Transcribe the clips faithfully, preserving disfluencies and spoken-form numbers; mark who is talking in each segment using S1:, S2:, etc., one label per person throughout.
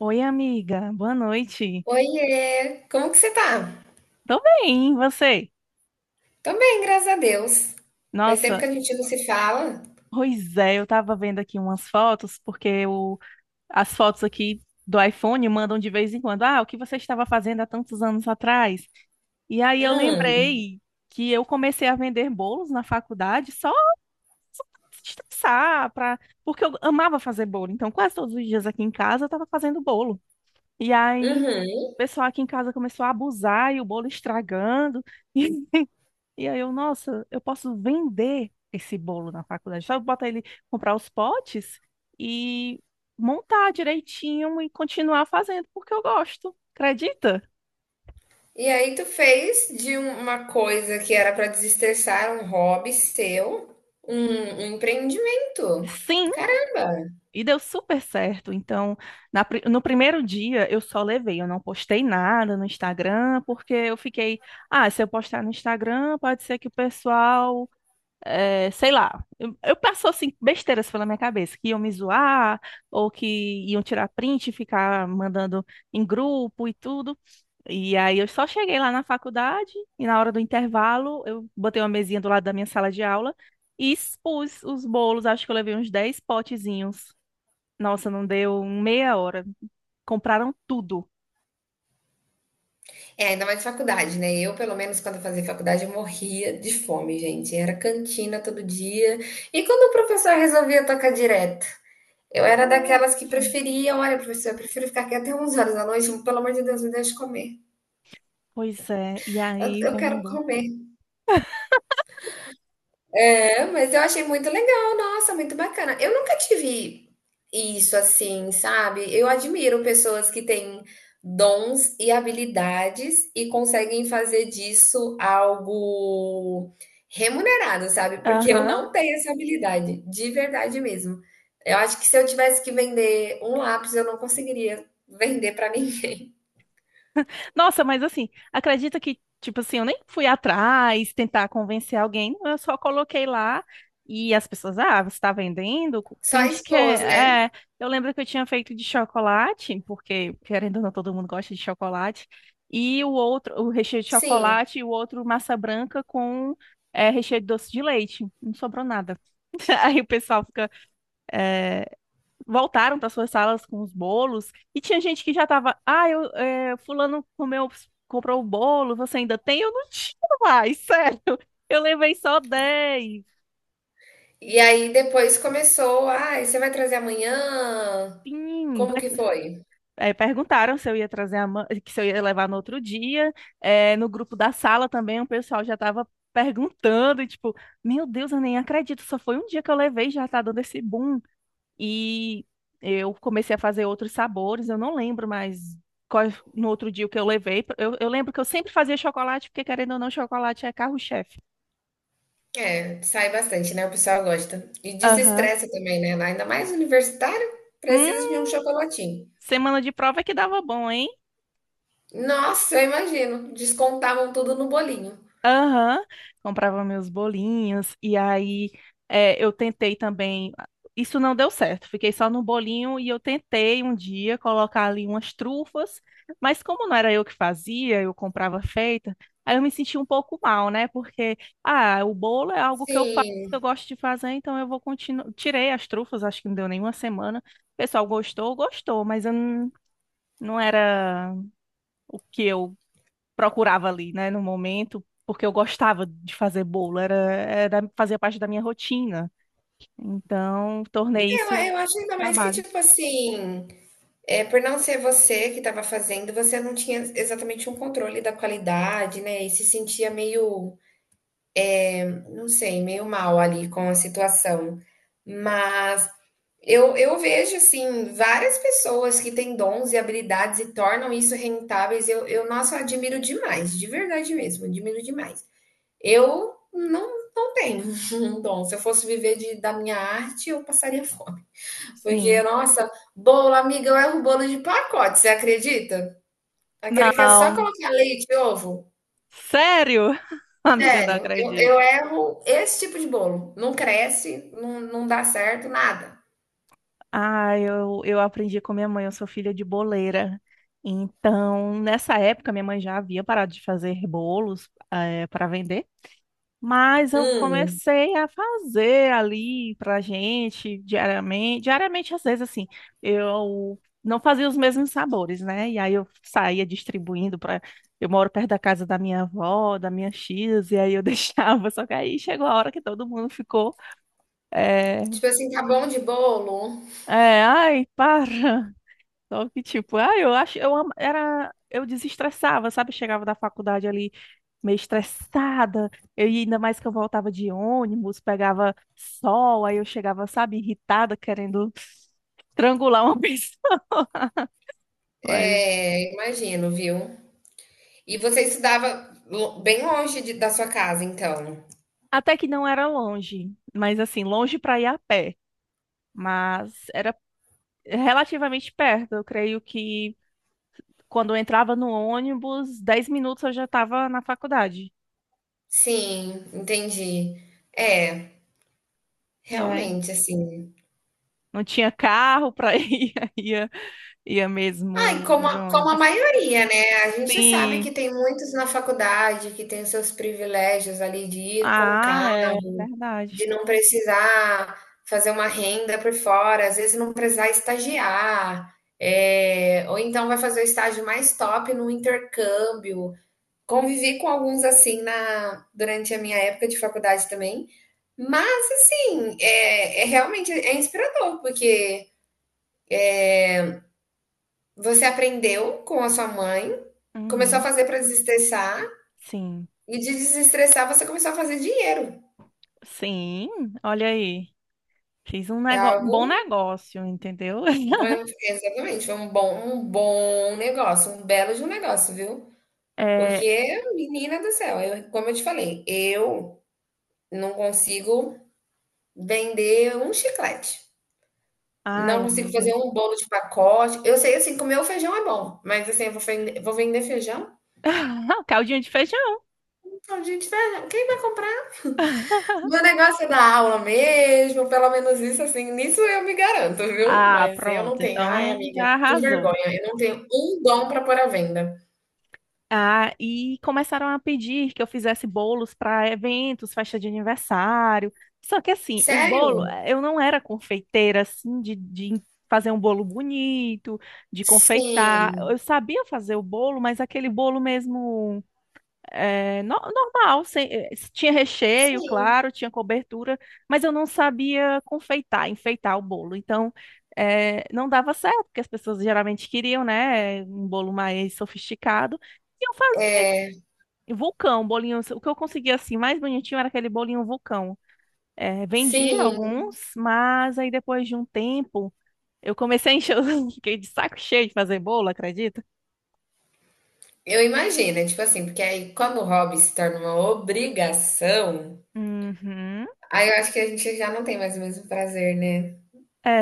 S1: Oi, amiga. Boa noite.
S2: Oiê, como que você tá?
S1: Tô bem, e você?
S2: Tô bem, graças a Deus. Faz tempo que
S1: Nossa,
S2: a gente não se fala.
S1: pois é, eu tava vendo aqui umas fotos, porque o, as fotos aqui do iPhone mandam de vez em quando. Ah, o que você estava fazendo há tantos anos atrás? E aí eu
S2: Hum,
S1: lembrei que eu comecei a vender bolos na faculdade só pra estressar, pra, porque eu amava fazer bolo. Então, quase todos os dias aqui em casa eu tava fazendo bolo. E aí,
S2: uhum.
S1: o pessoal aqui em casa começou a abusar e o bolo estragando. E aí eu, nossa, eu posso vender esse bolo na faculdade. Só botar ele, comprar os potes e montar direitinho e continuar fazendo porque eu gosto. Acredita?
S2: E aí tu fez de um- uma coisa que era pra desestressar, um hobby seu, um, um empreendimento.
S1: Sim,
S2: Caramba!
S1: e deu super certo. Então, na pri- no primeiro dia eu só levei, eu não postei nada no Instagram, porque eu fiquei, ah, se eu postar no Instagram, pode ser que o pessoal é, sei lá, eu, eu passo assim, besteiras pela minha cabeça, que iam me zoar, ou que iam tirar print e ficar mandando em grupo e tudo. E aí eu só cheguei lá na faculdade e na hora do intervalo eu botei uma mesinha do lado da minha sala de aula e expus os bolos, acho que eu levei uns dez potezinhos. Nossa, não deu um meia hora. Compraram tudo.
S2: É, ainda mais faculdade, né? Eu, pelo menos, quando eu fazia faculdade, eu morria de fome, gente. Era cantina todo dia. E quando o professor resolvia tocar direto? Eu era daquelas que
S1: Nossa,
S2: preferiam, olha, professor, eu prefiro ficar aqui até onze horas da noite, pelo amor de Deus, me deixe comer.
S1: pois é. E
S2: Eu,
S1: aí,
S2: eu
S1: vem meu
S2: quero
S1: bom.
S2: comer. É, mas eu achei muito legal, nossa, muito bacana. Eu nunca tive isso assim, sabe? Eu admiro pessoas que têm dons e habilidades e conseguem fazer disso algo remunerado, sabe? Porque eu
S1: Aham.
S2: não tenho essa habilidade, de verdade mesmo. Eu acho que se eu tivesse que vender um lápis, eu não conseguiria vender para ninguém.
S1: Nossa, mas assim, acredita que, tipo assim, eu nem fui atrás tentar convencer alguém, não, eu só coloquei lá e as pessoas, ah, você tá vendendo? Tem
S2: Só
S1: gente que
S2: expôs,
S1: é, é.
S2: né?
S1: Eu lembro que eu tinha feito de chocolate, porque, querendo ou não, todo mundo gosta de chocolate, e o outro, o recheio de
S2: Sim.
S1: chocolate e o outro massa branca com é, recheio de doce de leite. Não sobrou nada. Aí o pessoal fica, voltaram para suas salas com os bolos e tinha gente que já tava, ah, eu, é, fulano comeu, comprou o bolo, você ainda tem? Eu não tinha mais, sério. Eu levei só dez.
S2: E aí depois começou, ah, você vai trazer amanhã?
S1: Sim,
S2: Como
S1: vai-
S2: que foi?
S1: é, perguntaram se eu ia trazer a ma- que se eu ia levar no outro dia. É, no grupo da sala também, o pessoal já estava perguntando, e tipo, meu Deus, eu nem acredito, só foi um dia que eu levei, e já tá dando esse boom. E eu comecei a fazer outros sabores, eu não lembro mais qual, no outro dia o que eu levei. Eu, eu lembro que eu sempre fazia chocolate, porque querendo ou não, chocolate é carro-chefe.
S2: É, sai bastante, né? O pessoal gosta. E
S1: Aham.
S2: desestressa também, né? Ainda mais universitário,
S1: Hum,
S2: precisa de um chocolatinho.
S1: semana de prova é que dava bom, hein?
S2: Nossa, eu imagino. Descontavam tudo no bolinho.
S1: Aham, comprava meus bolinhos e aí é, eu tentei também. Isso não deu certo, fiquei só no bolinho e eu tentei um dia colocar ali umas trufas, mas como não era eu que fazia, eu comprava feita, aí eu me senti um pouco mal, né? Porque, ah, o bolo é algo que eu faço,
S2: Sim.
S1: que eu gosto de fazer, então eu vou continuar. Tirei as trufas, acho que não deu nenhuma semana. O pessoal gostou, gostou, mas eu não, não era o que eu procurava ali, né, no momento, porque eu gostava de fazer bolo, era, era fazia parte da minha rotina. Então, tornei
S2: Eu,
S1: isso
S2: eu acho ainda mais que,
S1: trabalho.
S2: tipo assim, é, por não ser você que estava fazendo, você não tinha exatamente um controle da qualidade, né? E se sentia meio não sei, meio mal ali com a situação. Mas eu, eu vejo, assim, várias pessoas que têm dons e habilidades e tornam isso rentáveis. Eu, eu nossa, eu admiro demais, de verdade mesmo, admiro demais. Eu não, não tenho um dom. Se eu fosse viver de, da minha arte, eu passaria fome. Porque,
S1: Sim.
S2: nossa, bolo, amiga, eu erro bolo de pacote, você acredita? Aquele que é só
S1: Não,
S2: colocar leite e ovo.
S1: sério? Amiga, não
S2: Sério, eu,
S1: acredito.
S2: eu erro esse tipo de bolo. Não cresce, não, não dá certo, nada.
S1: Ah, eu, eu aprendi com minha mãe, eu sou filha de boleira. Então, nessa época, minha mãe já havia parado de fazer bolos, para vender. Mas eu
S2: Hum,
S1: comecei a fazer ali pra gente diariamente. Diariamente, às vezes, assim, eu não fazia os mesmos sabores, né? E aí eu saía distribuindo para. Eu moro perto da casa da minha avó, da minha X, e aí eu deixava. Só que aí chegou a hora que todo mundo ficou. É,
S2: tipo assim, tá bom de bolo?
S1: é, ai, para. Só que, tipo, ah, eu acho, eu am- era, eu desestressava, sabe? Chegava da faculdade ali meio estressada, eu, e ainda mais que eu voltava de ônibus, pegava sol, aí eu chegava, sabe, irritada, querendo estrangular uma pessoa. Mas
S2: É, imagino, viu? E você estudava lo- bem longe de- da sua casa, então.
S1: até que não era longe, mas assim, longe para ir a pé, mas era relativamente perto. Eu creio que quando eu entrava no ônibus, dez minutos eu já estava na faculdade.
S2: Sim, entendi. É,
S1: É.
S2: realmente, assim.
S1: Não tinha carro para ir, ia, ia
S2: Ai,
S1: mesmo
S2: como
S1: de
S2: a, como a
S1: ônibus.
S2: maioria, né? A gente sabe que
S1: Sim.
S2: tem muitos na faculdade que tem os seus privilégios ali de ir com
S1: Ah,
S2: carro.
S1: é
S2: De
S1: verdade.
S2: não precisar fazer uma renda por fora, às vezes não precisar estagiar, é, ou então vai fazer o estágio mais top no intercâmbio. Convivi com alguns assim na, durante a minha época de faculdade também, mas sim, é, é realmente é inspirador, porque você aprendeu com a sua mãe, começou a
S1: Uhum.
S2: fazer para desestressar,
S1: Sim.
S2: e de desestressar você começou a fazer dinheiro.
S1: Sim, olha aí. Fiz um
S2: É
S1: negócio, um bom
S2: algo
S1: negócio, entendeu?
S2: vai um exatamente, foi um bom um bom negócio, um belo de um negócio, viu.
S1: É...
S2: Porque, menina do céu, eu como eu te falei, eu não consigo vender um chiclete,
S1: Ai,
S2: não consigo fazer
S1: amiga.
S2: um bolo de pacote. Eu sei, assim, comer o feijão é bom, mas, assim, eu vou vender vou vender feijão?
S1: Caldinho de feijão.
S2: Então, gente, feijão quem vai comprar? Meu negócio é dar aula mesmo, pelo menos isso, assim, nisso eu me garanto, viu.
S1: Ah,
S2: Mas eu não
S1: pronto.
S2: tenho ai,
S1: Então
S2: amiga,
S1: já
S2: que
S1: arrasou.
S2: vergonha, eu não tenho um dom para pôr à venda.
S1: Ah, e começaram a pedir que eu fizesse bolos para eventos, festa de aniversário. Só que assim, o
S2: Sério.
S1: bolo, eh, eu não era confeiteira assim de, de fazer um bolo bonito, de confeitar.
S2: Sim,
S1: Eu sabia fazer o bolo, mas aquele bolo mesmo é, no- normal, sem- eh, tinha recheio,
S2: sim,
S1: claro, tinha cobertura, mas eu não sabia confeitar, enfeitar o bolo. Então, eh, não dava certo, porque as pessoas geralmente queriam, né, um bolo mais sofisticado. E eu fazia de- vulcão, bolinho. O que eu conseguia assim mais bonitinho era aquele bolinho vulcão. Eh, vendia
S2: sim.
S1: alguns, mas aí depois de um tempo eu comecei a encher, os- fiquei de saco cheio de fazer bolo, acredita?
S2: Eu imagino, é tipo assim, porque aí quando o hobby se torna uma obrigação,
S1: Uhum.
S2: aí eu acho que a gente já não tem mais o mesmo prazer, né?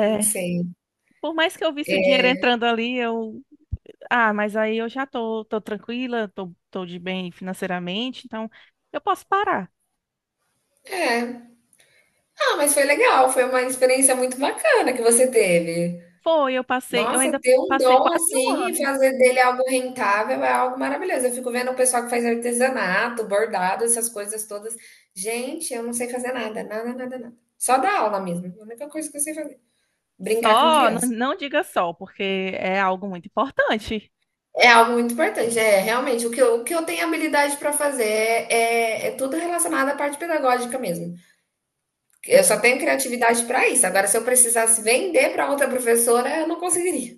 S2: Não sei.
S1: por mais que eu visse o dinheiro entrando ali, eu ah, mas aí eu já tô, tô tranquila, tô, tô de bem financeiramente, então eu posso parar.
S2: É. Ah, mas foi legal, foi uma experiência muito bacana que você teve.
S1: Foi, eu passei, eu
S2: Nossa,
S1: ainda
S2: ter um
S1: passei
S2: dom
S1: quase um
S2: assim e
S1: ano.
S2: fazer dele algo rentável é algo maravilhoso. Eu fico vendo o pessoal que faz artesanato, bordado, essas coisas todas. Gente, eu não sei fazer nada, nada, nada, nada. Só dar aula mesmo. É a única coisa que eu sei fazer. Brincar com
S1: Só, não,
S2: criança.
S1: não diga só, porque é algo muito importante.
S2: É algo muito importante, é realmente o que eu, o que eu tenho habilidade para fazer é, é, é tudo relacionado à parte pedagógica mesmo. Eu só
S1: Ah,
S2: tenho criatividade para isso. Agora, se eu precisasse vender para outra professora, eu não conseguiria.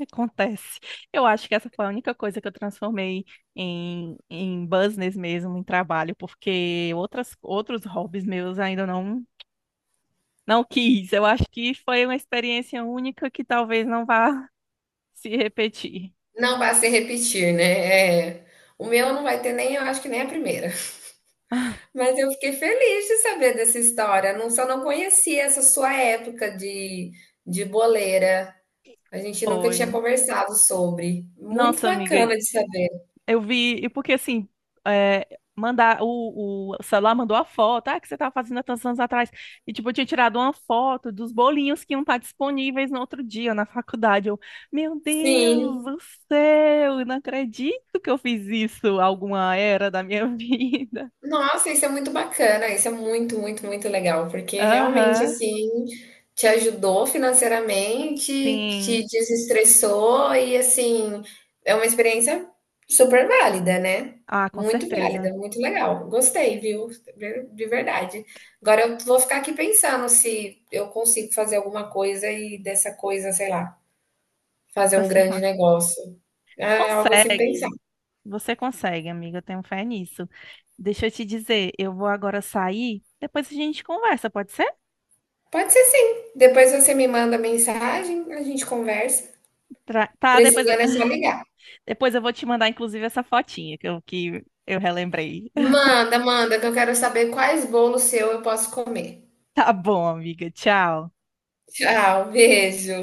S1: acontece. Eu acho que essa foi a única coisa que eu transformei em, em business mesmo, em trabalho, porque outras, outros hobbies meus ainda não, não quis. Eu acho que foi uma experiência única que talvez não vá se repetir.
S2: Não vai se repetir, né? É, o meu não vai ter nem, eu acho que nem a primeira.
S1: Ah,
S2: Mas eu fiquei feliz de saber dessa história. Não, só não conhecia essa sua época de, de boleira. A gente nunca
S1: foi,
S2: tinha conversado sobre. Muito
S1: nossa, amiga,
S2: bacana de saber.
S1: eu vi, e porque assim, é, mandar o, o celular mandou a foto, ah, que você tava fazendo há tantos anos atrás, e tipo, eu tinha tirado uma foto dos bolinhos que iam estar disponíveis no outro dia na faculdade. Eu, meu Deus
S2: Sim.
S1: do céu, eu não acredito que eu fiz isso alguma era da minha vida.
S2: Nossa, isso é muito bacana, isso é muito, muito, muito legal, porque realmente
S1: Aham,
S2: assim te ajudou financeiramente, te
S1: sim.
S2: desestressou e assim é uma experiência super válida, né?
S1: Ah, com
S2: Muito válida,
S1: certeza.
S2: muito legal. Gostei, viu? De verdade. Agora eu vou ficar aqui pensando se eu consigo fazer alguma coisa e dessa coisa, sei lá, fazer um grande
S1: Pessoal,
S2: negócio. É algo assim pensar.
S1: consegue. Você consegue, amiga, eu tenho fé nisso. Deixa eu te dizer, eu vou agora sair, depois a gente conversa, pode ser?
S2: Pode ser sim. Depois você me manda mensagem, a gente conversa.
S1: Tra- Tá, depois eu...
S2: Precisando é só ligar.
S1: depois eu vou te mandar, inclusive, essa fotinha que eu, que eu relembrei.
S2: Manda, manda, que eu quero saber quais bolos seu eu posso comer.
S1: Tá bom, amiga, tchau.
S2: Tchau, beijo.